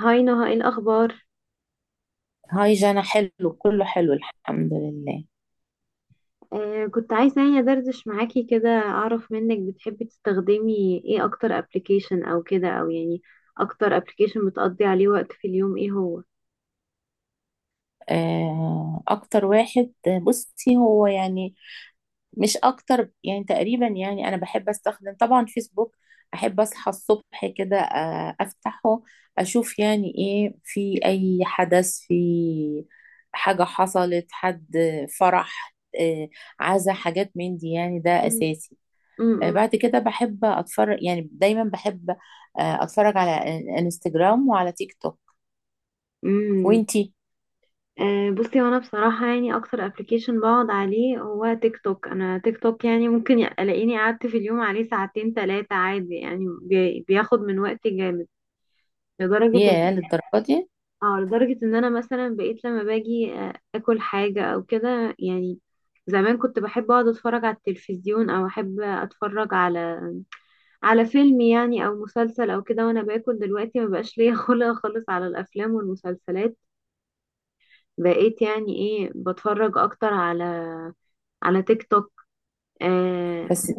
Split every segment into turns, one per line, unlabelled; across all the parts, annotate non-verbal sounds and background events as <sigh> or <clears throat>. هاي نهى، ايه الاخبار؟
هاي جانا، حلو كله حلو، الحمد لله.
كنت عايزه يعني ادردش معاكي كده اعرف منك، بتحبي تستخدمي ايه اكتر ابلكيشن او كده او يعني اكتر ابلكيشن بتقضي عليه وقت في اليوم؟ ايه هو؟
اكتر واحد. بصي هو يعني مش اكتر، يعني تقريبا، يعني انا بحب استخدم طبعا فيسبوك. احب اصحى الصبح كده، افتحه، اشوف يعني ايه، في اي حدث، في حاجة حصلت، حد فرح، آه، عزا، حاجات من دي يعني، ده
مم.
اساسي.
امم.
بعد كده بحب اتفرج، يعني دايما بحب اتفرج على انستجرام وعلى تيك توك.
امم.
وانتي؟
آه، بصي، وانا بصراحه يعني اكتر ابلكيشن بقعد عليه هو تيك توك. انا تيك توك يعني ممكن الاقيني قعدت في اليوم عليه ساعتين ثلاثه عادي يعني بياخد من وقتي جامد لدرجه.
ياه، للدرجة دي؟
اه، لدرجة ان انا مثلا بقيت لما باجي اكل حاجة او كده يعني. زمان كنت بحب اقعد اتفرج على التلفزيون او احب اتفرج على فيلم يعني او مسلسل او كده وانا باكل. دلوقتي ما بقاش ليا <laughs> خلق خالص على الافلام والمسلسلات. بقيت يعني ايه بتفرج اكتر على تيك توك. آه.
بس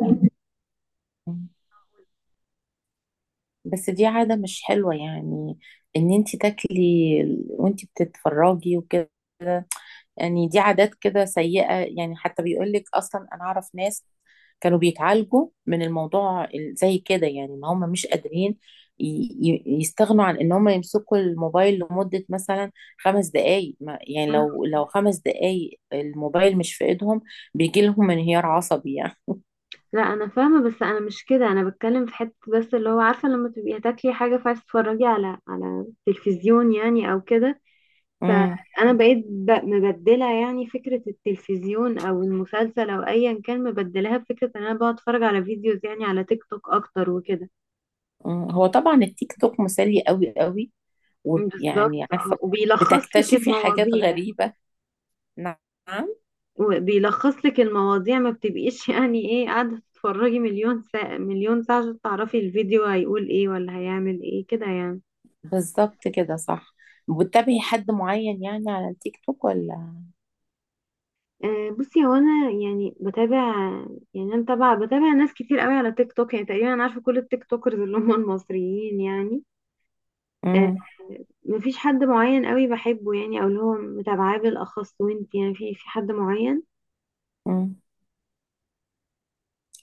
بس دي عادة مش حلوة، يعني ان انت تاكلي وانت بتتفرجي وكده، يعني دي عادات كده سيئة يعني. حتى بيقولك اصلا، انا اعرف ناس كانوا بيتعالجوا من الموضوع زي كده، يعني ان هم مش قادرين ي- يستغنوا عن ان هم يمسكوا الموبايل لمدة مثلا خمس دقايق. يعني
مم.
لو خمس دقايق الموبايل مش في ايدهم بيجي لهم انهيار عصبي
لا، انا فاهمة، بس انا مش كده. انا بتكلم في حتة بس اللي هو عارفة لما تبقي هتاكلي حاجة فعايز تتفرجي على التلفزيون يعني او كده.
يعني.
فانا بقيت مبدله يعني فكره التلفزيون او المسلسل او ايا كان، مبدلاها بفكره ان انا بقعد اتفرج على فيديوز يعني على تيك توك اكتر وكده.
مم. هو طبعا التيك توك مسلي قوي قوي،
بالظبط،
ويعني
اه
عارفة
<laughs> وبيلخص لك
بتكتشفي حاجات
المواضيع.
غريبة. نعم،
وبيلخص لك المواضيع، ما بتبقيش <laughs> يعني ايه قاعده تتفرجي مليون ساعه مليون ساعه عشان تعرفي الفيديو هيقول ايه ولا هيعمل ايه كده يعني.
بالظبط كده، صح. بتتابعي حد معين يعني على التيك توك ولا؟
آه، بصي، هو انا يعني بتابع. يعني انا طبعا بتابع ناس كتير قوي على تيك توك، يعني تقريبا انا عارفه كل التيك توكرز اللي هم المصريين يعني. آه.
مم.
مفيش حد معين قوي بحبه يعني او اللي هو متابعاه بالاخص. وانت يعني في حد معين؟
مم.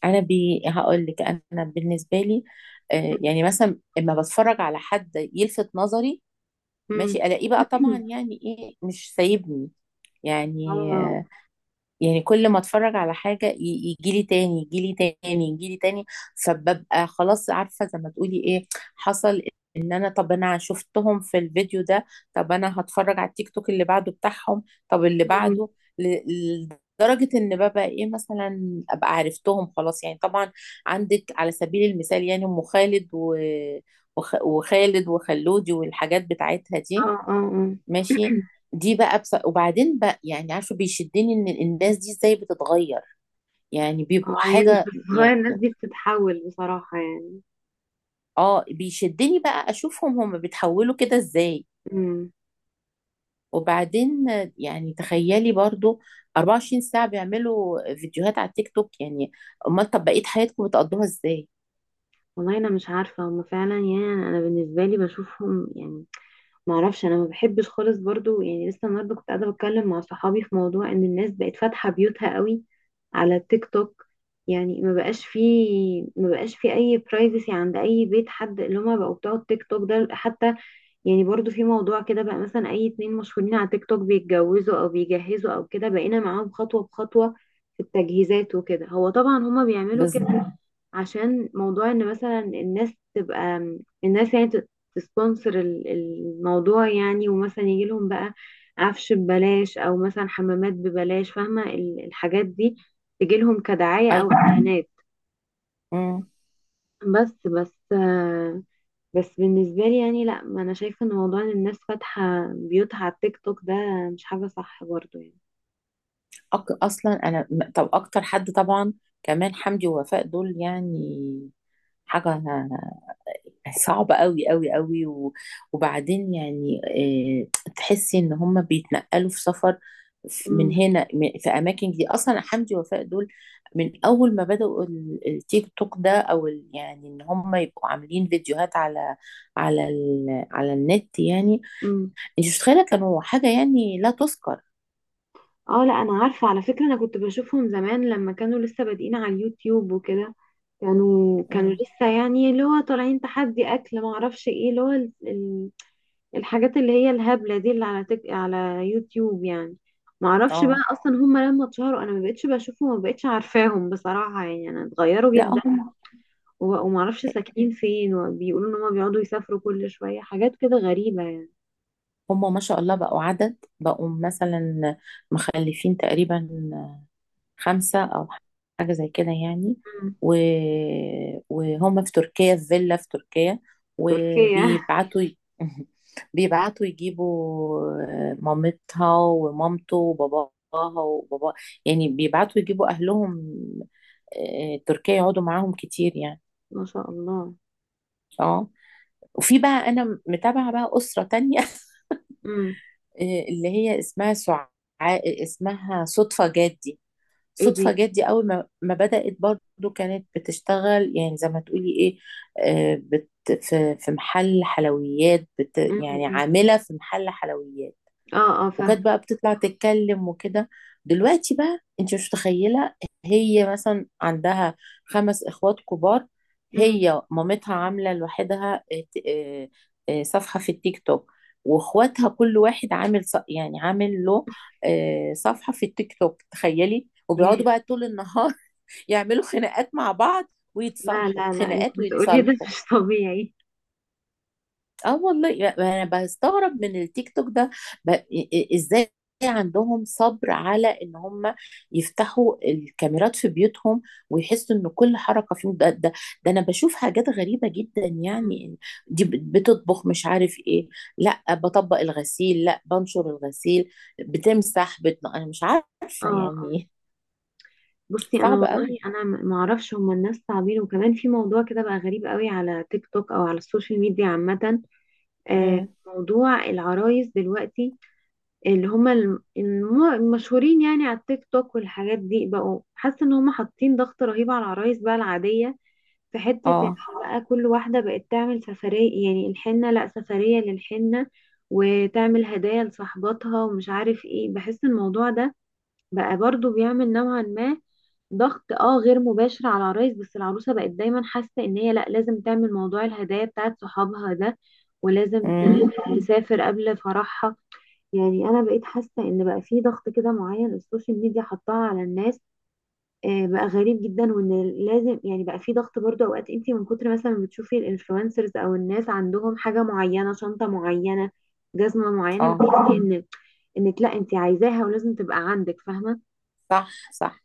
انا هقول لك، انا بالنسبة لي يعني مثلا اما بتفرج على حد يلفت نظري،
امم.
ماشي، الاقيه بقى، طبعا
<clears throat>
يعني ايه مش سايبني يعني.
اه.
يعني كل ما اتفرج على حاجة يجيلي تاني، يجيلي تاني، يجيلي تاني. فببقى خلاص، عارفة زي ما تقولي ايه، حصل ان انا، طب انا شفتهم في الفيديو ده، طب انا هتفرج على التيك توك اللي بعده بتاعهم، طب اللي
مم.
بعده. ل- لدرجة ان ببقى ايه، مثلا ابقى عرفتهم خلاص يعني طبعا. عندك على سبيل المثال يعني ام خالد وخالد وخلودي، والحاجات بتاعتها دي.
اه، اه، اه.
ماشي.
<clears throat>
دي بقى وبعدين بقى يعني عارفه بيشدني ان الناس دي ازاي بتتغير، يعني بيبقوا
اه هي مش
حاجه
بتتغير،
يعني.
الناس دي بتتحول بصراحة يعني.
اه، بيشدني بقى اشوفهم هم بيتحولوا كده ازاي.
امم.
وبعدين يعني تخيلي برضو 24 ساعه بيعملوا فيديوهات على التيك توك يعني. امال طب بقيه حياتكم بتقضوها ازاي؟
والله انا مش عارفة هما فعلا. يعني انا بالنسبة لي بشوفهم يعني معرفش. انا ما بحبش خالص برضو يعني لسه النهارده كنت قاعده بتكلم مع صحابي في موضوع ان الناس بقت فاتحه بيوتها قوي على التيك توك. يعني ما بقاش فيه، ما بقاش فيه اي برايفسي عند اي بيت حد اللي هما بقوا بتوع التيك توك ده حتى. يعني برضو في موضوع كده بقى مثلا اي اتنين مشهورين على تيك توك بيتجوزوا او بيجهزوا او كده بقينا معاهم خطوة بخطوة في التجهيزات وكده. هو طبعا هما بيعملوا
بس.
كده عشان موضوع ان مثلا الناس تبقى الناس يعني تسبونسر الموضوع يعني، ومثلا يجي لهم بقى عفش ببلاش او مثلا حمامات ببلاش، فاهمة الحاجات دي تجي لهم كدعاية
اي.
او اعلانات.
مم.
بس. بس بالنسبة لي يعني لا، ما انا شايفة ان موضوع ان الناس فاتحة بيوتها على التيك توك ده مش حاجة صح برضو يعني.
اصلا انا طب اكتر حد طبعا كمان، حمدي ووفاء دول، يعني حاجه صعبة قوي قوي قوي وبعدين يعني تحسي ان هم بيتنقلوا في سفر من
امم.
هنا في اماكن. دي اصلا حمدي ووفاء دول من اول ما بدأوا التيك توك ده، او يعني ان هم يبقوا عاملين فيديوهات على على النت يعني.
امم.
انت مش متخيلة، كانوا حاجة يعني لا تذكر.
اه، لا، انا عارفة على فكرة. انا كنت بشوفهم زمان لما كانوا لسه بادئين على اليوتيوب وكده. كانوا
مم.
لسه يعني اللي هو طالعين تحدي اكل ما اعرفش ايه اللي هو الحاجات اللي هي الهبلة دي اللي على على يوتيوب يعني. ما اعرفش بقى
اه.
اصلا هم لما اتشهروا انا ما بقتش بشوفهم، ما بقتش عارفاهم بصراحة يعني. انا اتغيروا
لا،
جدا.
هم
ومعرفش ساكنين فين، وبيقولوا ان هما بيقعدوا يسافروا كل شوية، حاجات كده غريبة يعني.
هم ما شاء الله بقوا عدد، بقوا مثلا مخلفين تقريبا خمسة أو حاجة زي كده يعني.
مم.
و... وهم في تركيا، في فيلا في تركيا،
تركيا <laughs>
وبيبعتوا <laughs> بيبعتوا يجيبوا مامتها ومامته وباباها وبابا، يعني بيبعتوا يجيبوا أهلهم تركيا، يقعدوا معاهم كتير يعني.
ما شاء الله.
اه. وفي بقى أنا متابعة بقى أسرة تانية <laughs>
مم.
اللي هي اسمها اسمها صدفة جدي.
ايه
صدفة
دي؟
جت دي أول ما بدأت برضو كانت بتشتغل يعني زي ما تقولي إيه، بت في محل حلويات، بت
مم،
يعني
مم.
عاملة في محل حلويات.
اه، اه،
وكانت
فاهم.
بقى بتطلع تتكلم وكده. دلوقتي بقى انت مش متخيله، هي مثلا عندها خمس اخوات كبار.
مم.
هي مامتها عامله لوحدها اه، صفحه في التيك توك، واخواتها كل واحد عامل يعني عامل له اه، صفحه في التيك توك، تخيلي. وبيقعدوا
ياه.
بقى طول النهار <laughs> يعملوا خناقات مع بعض
لا،
ويتصالحوا،
لا، لا، اللي
خناقات
بتقولي ده <laughs>
ويتصالحوا.
مش طبيعي.
اه والله انا بستغرب من التيك توك ده. ازاي عندهم صبر على ان هم يفتحوا الكاميرات في بيوتهم، ويحسوا ان كل حركه فيهم، ده انا بشوف حاجات غريبه جدا
مم.
يعني. دي بتطبخ، مش عارف ايه، لا بطبق الغسيل، لا بنشر الغسيل، بتمسح، انا مش
اه،
عارفه
اه،
يعني. <laughs>
بصي انا
صعب
والله
قوي.
انا ما اعرفش. هما الناس صعبين. وكمان في موضوع كده بقى غريب قوي على تيك توك او على السوشيال ميديا عامة. آه.
امم.
موضوع العرايس دلوقتي اللي هما المشهورين يعني على التيك توك والحاجات دي، بقوا حاسه ان هما حاطين ضغط رهيب على العرايس بقى العاديه. في حته ان
اه.
بقى كل واحده بقت تعمل سفريه، يعني الحنه، لا سفريه للحنه، وتعمل هدايا لصاحباتها ومش عارف ايه. بحس الموضوع ده بقى برضو بيعمل نوعا ما ضغط غير مباشر على العرايس. بس العروسه بقت دايما حاسه ان هي لا، لازم تعمل موضوع الهدايا بتاعت صحابها ده، ولازم
امم.
تسافر قبل فرحها. يعني انا بقيت حاسه ان بقى في ضغط كده معين السوشيال ميديا حطها على الناس. بقى غريب جدا. وان لازم يعني بقى في ضغط برضه اوقات، انت من كتر مثلا ما بتشوفي الانفلونسرز او الناس عندهم حاجه معينه، شنطه معينه، جزمه معينه،
اه.
بتحسي ان انك لا، انت عايزاها ولازم تبقى عندك، فاهمه.
صح، صح.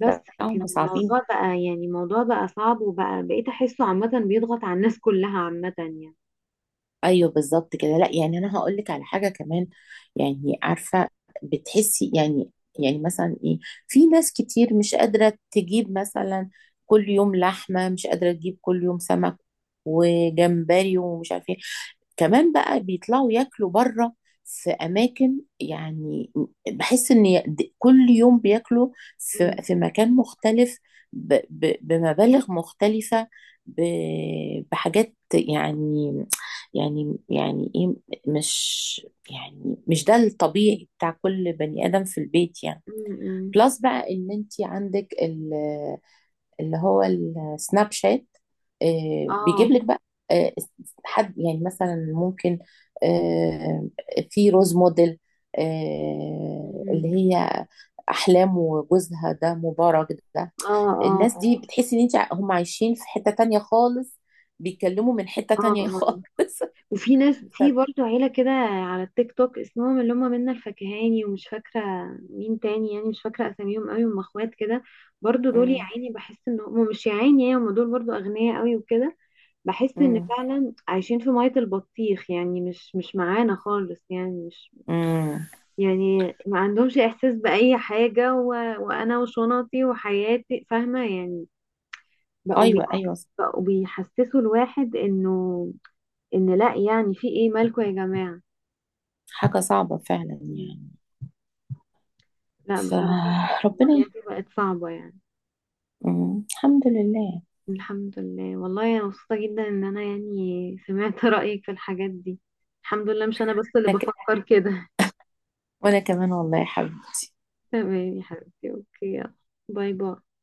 بس.
لا،
لكن
هم صعبين.
الموضوع بقى يعني الموضوع بقى صعب، وبقى بقيت احسه عامه بيضغط على الناس كلها عامه يعني.
ايوه بالظبط كده. لا يعني انا هقول لك على حاجه كمان، يعني عارفه بتحسي يعني، يعني مثلا ايه، في ناس كتير مش قادره تجيب مثلا كل يوم لحمه، مش قادره تجيب كل يوم سمك وجمبري ومش عارفه ايه. كمان بقى بيطلعوا ياكلوا بره، في اماكن، يعني بحس ان كل يوم بياكلوا في
م-
في مكان مختلف، بمبالغ مختلفه، بحاجات، يعني يعني ايه، مش يعني، مش ده الطبيعي بتاع كل بني ادم في البيت يعني.
م.
بلس بقى ان انت عندك اللي هو السناب شات،
اه،
بيجيب لك بقى آه، حد يعني مثلا ممكن آه، في روز موديل، اللي
م.
هي احلام وجوزها ده مبارك ده.
اه،
الناس
اه،
دي بتحسي ان انت، هم عايشين في حتة تانية خالص، بيتكلموا من حتة
اه،
تانية
اه.
خالص.
وفي ناس، في
<laughs>
برضو عيلة كده على التيك توك اسمهم اللي هم منا الفكهاني ومش فاكرة مين تاني، يعني مش فاكرة أساميهم قوي. هم اخوات كده برضو.
ف...
دول يا عيني بحس ان هم مش، يا عيني يعني هم دول برضو أغنياء قوي وكده. بحس ان
امم.
فعلا عايشين في مية البطيخ يعني، مش معانا خالص يعني، مش
امم.
يعني ما عندهمش إحساس بأي حاجة و... وأنا وشنطي وحياتي، فاهمة يعني. بقوا بي...
ايوه، ايوه.
بقوا بيحسسوا الواحد انه ان لا، يعني في ايه مالكوا يا جماعة؟
حاجه صعبه فعلا يعني.
لا، بصراحة
فربنا
المواضيع
ي-
دي بقت صعبة يعني.
مم. الحمد لله.
الحمد لله. والله أنا مبسوطة جدا إن أنا يعني سمعت <laughs> رأيك في الحاجات دي. الحمد لله مش أنا بس اللي
أنا ك-
بفكر كده.
وانا كمان والله يا حبيبي.
<laughs> تمام يا حبيبتي، أوكي، يلا. باي باي.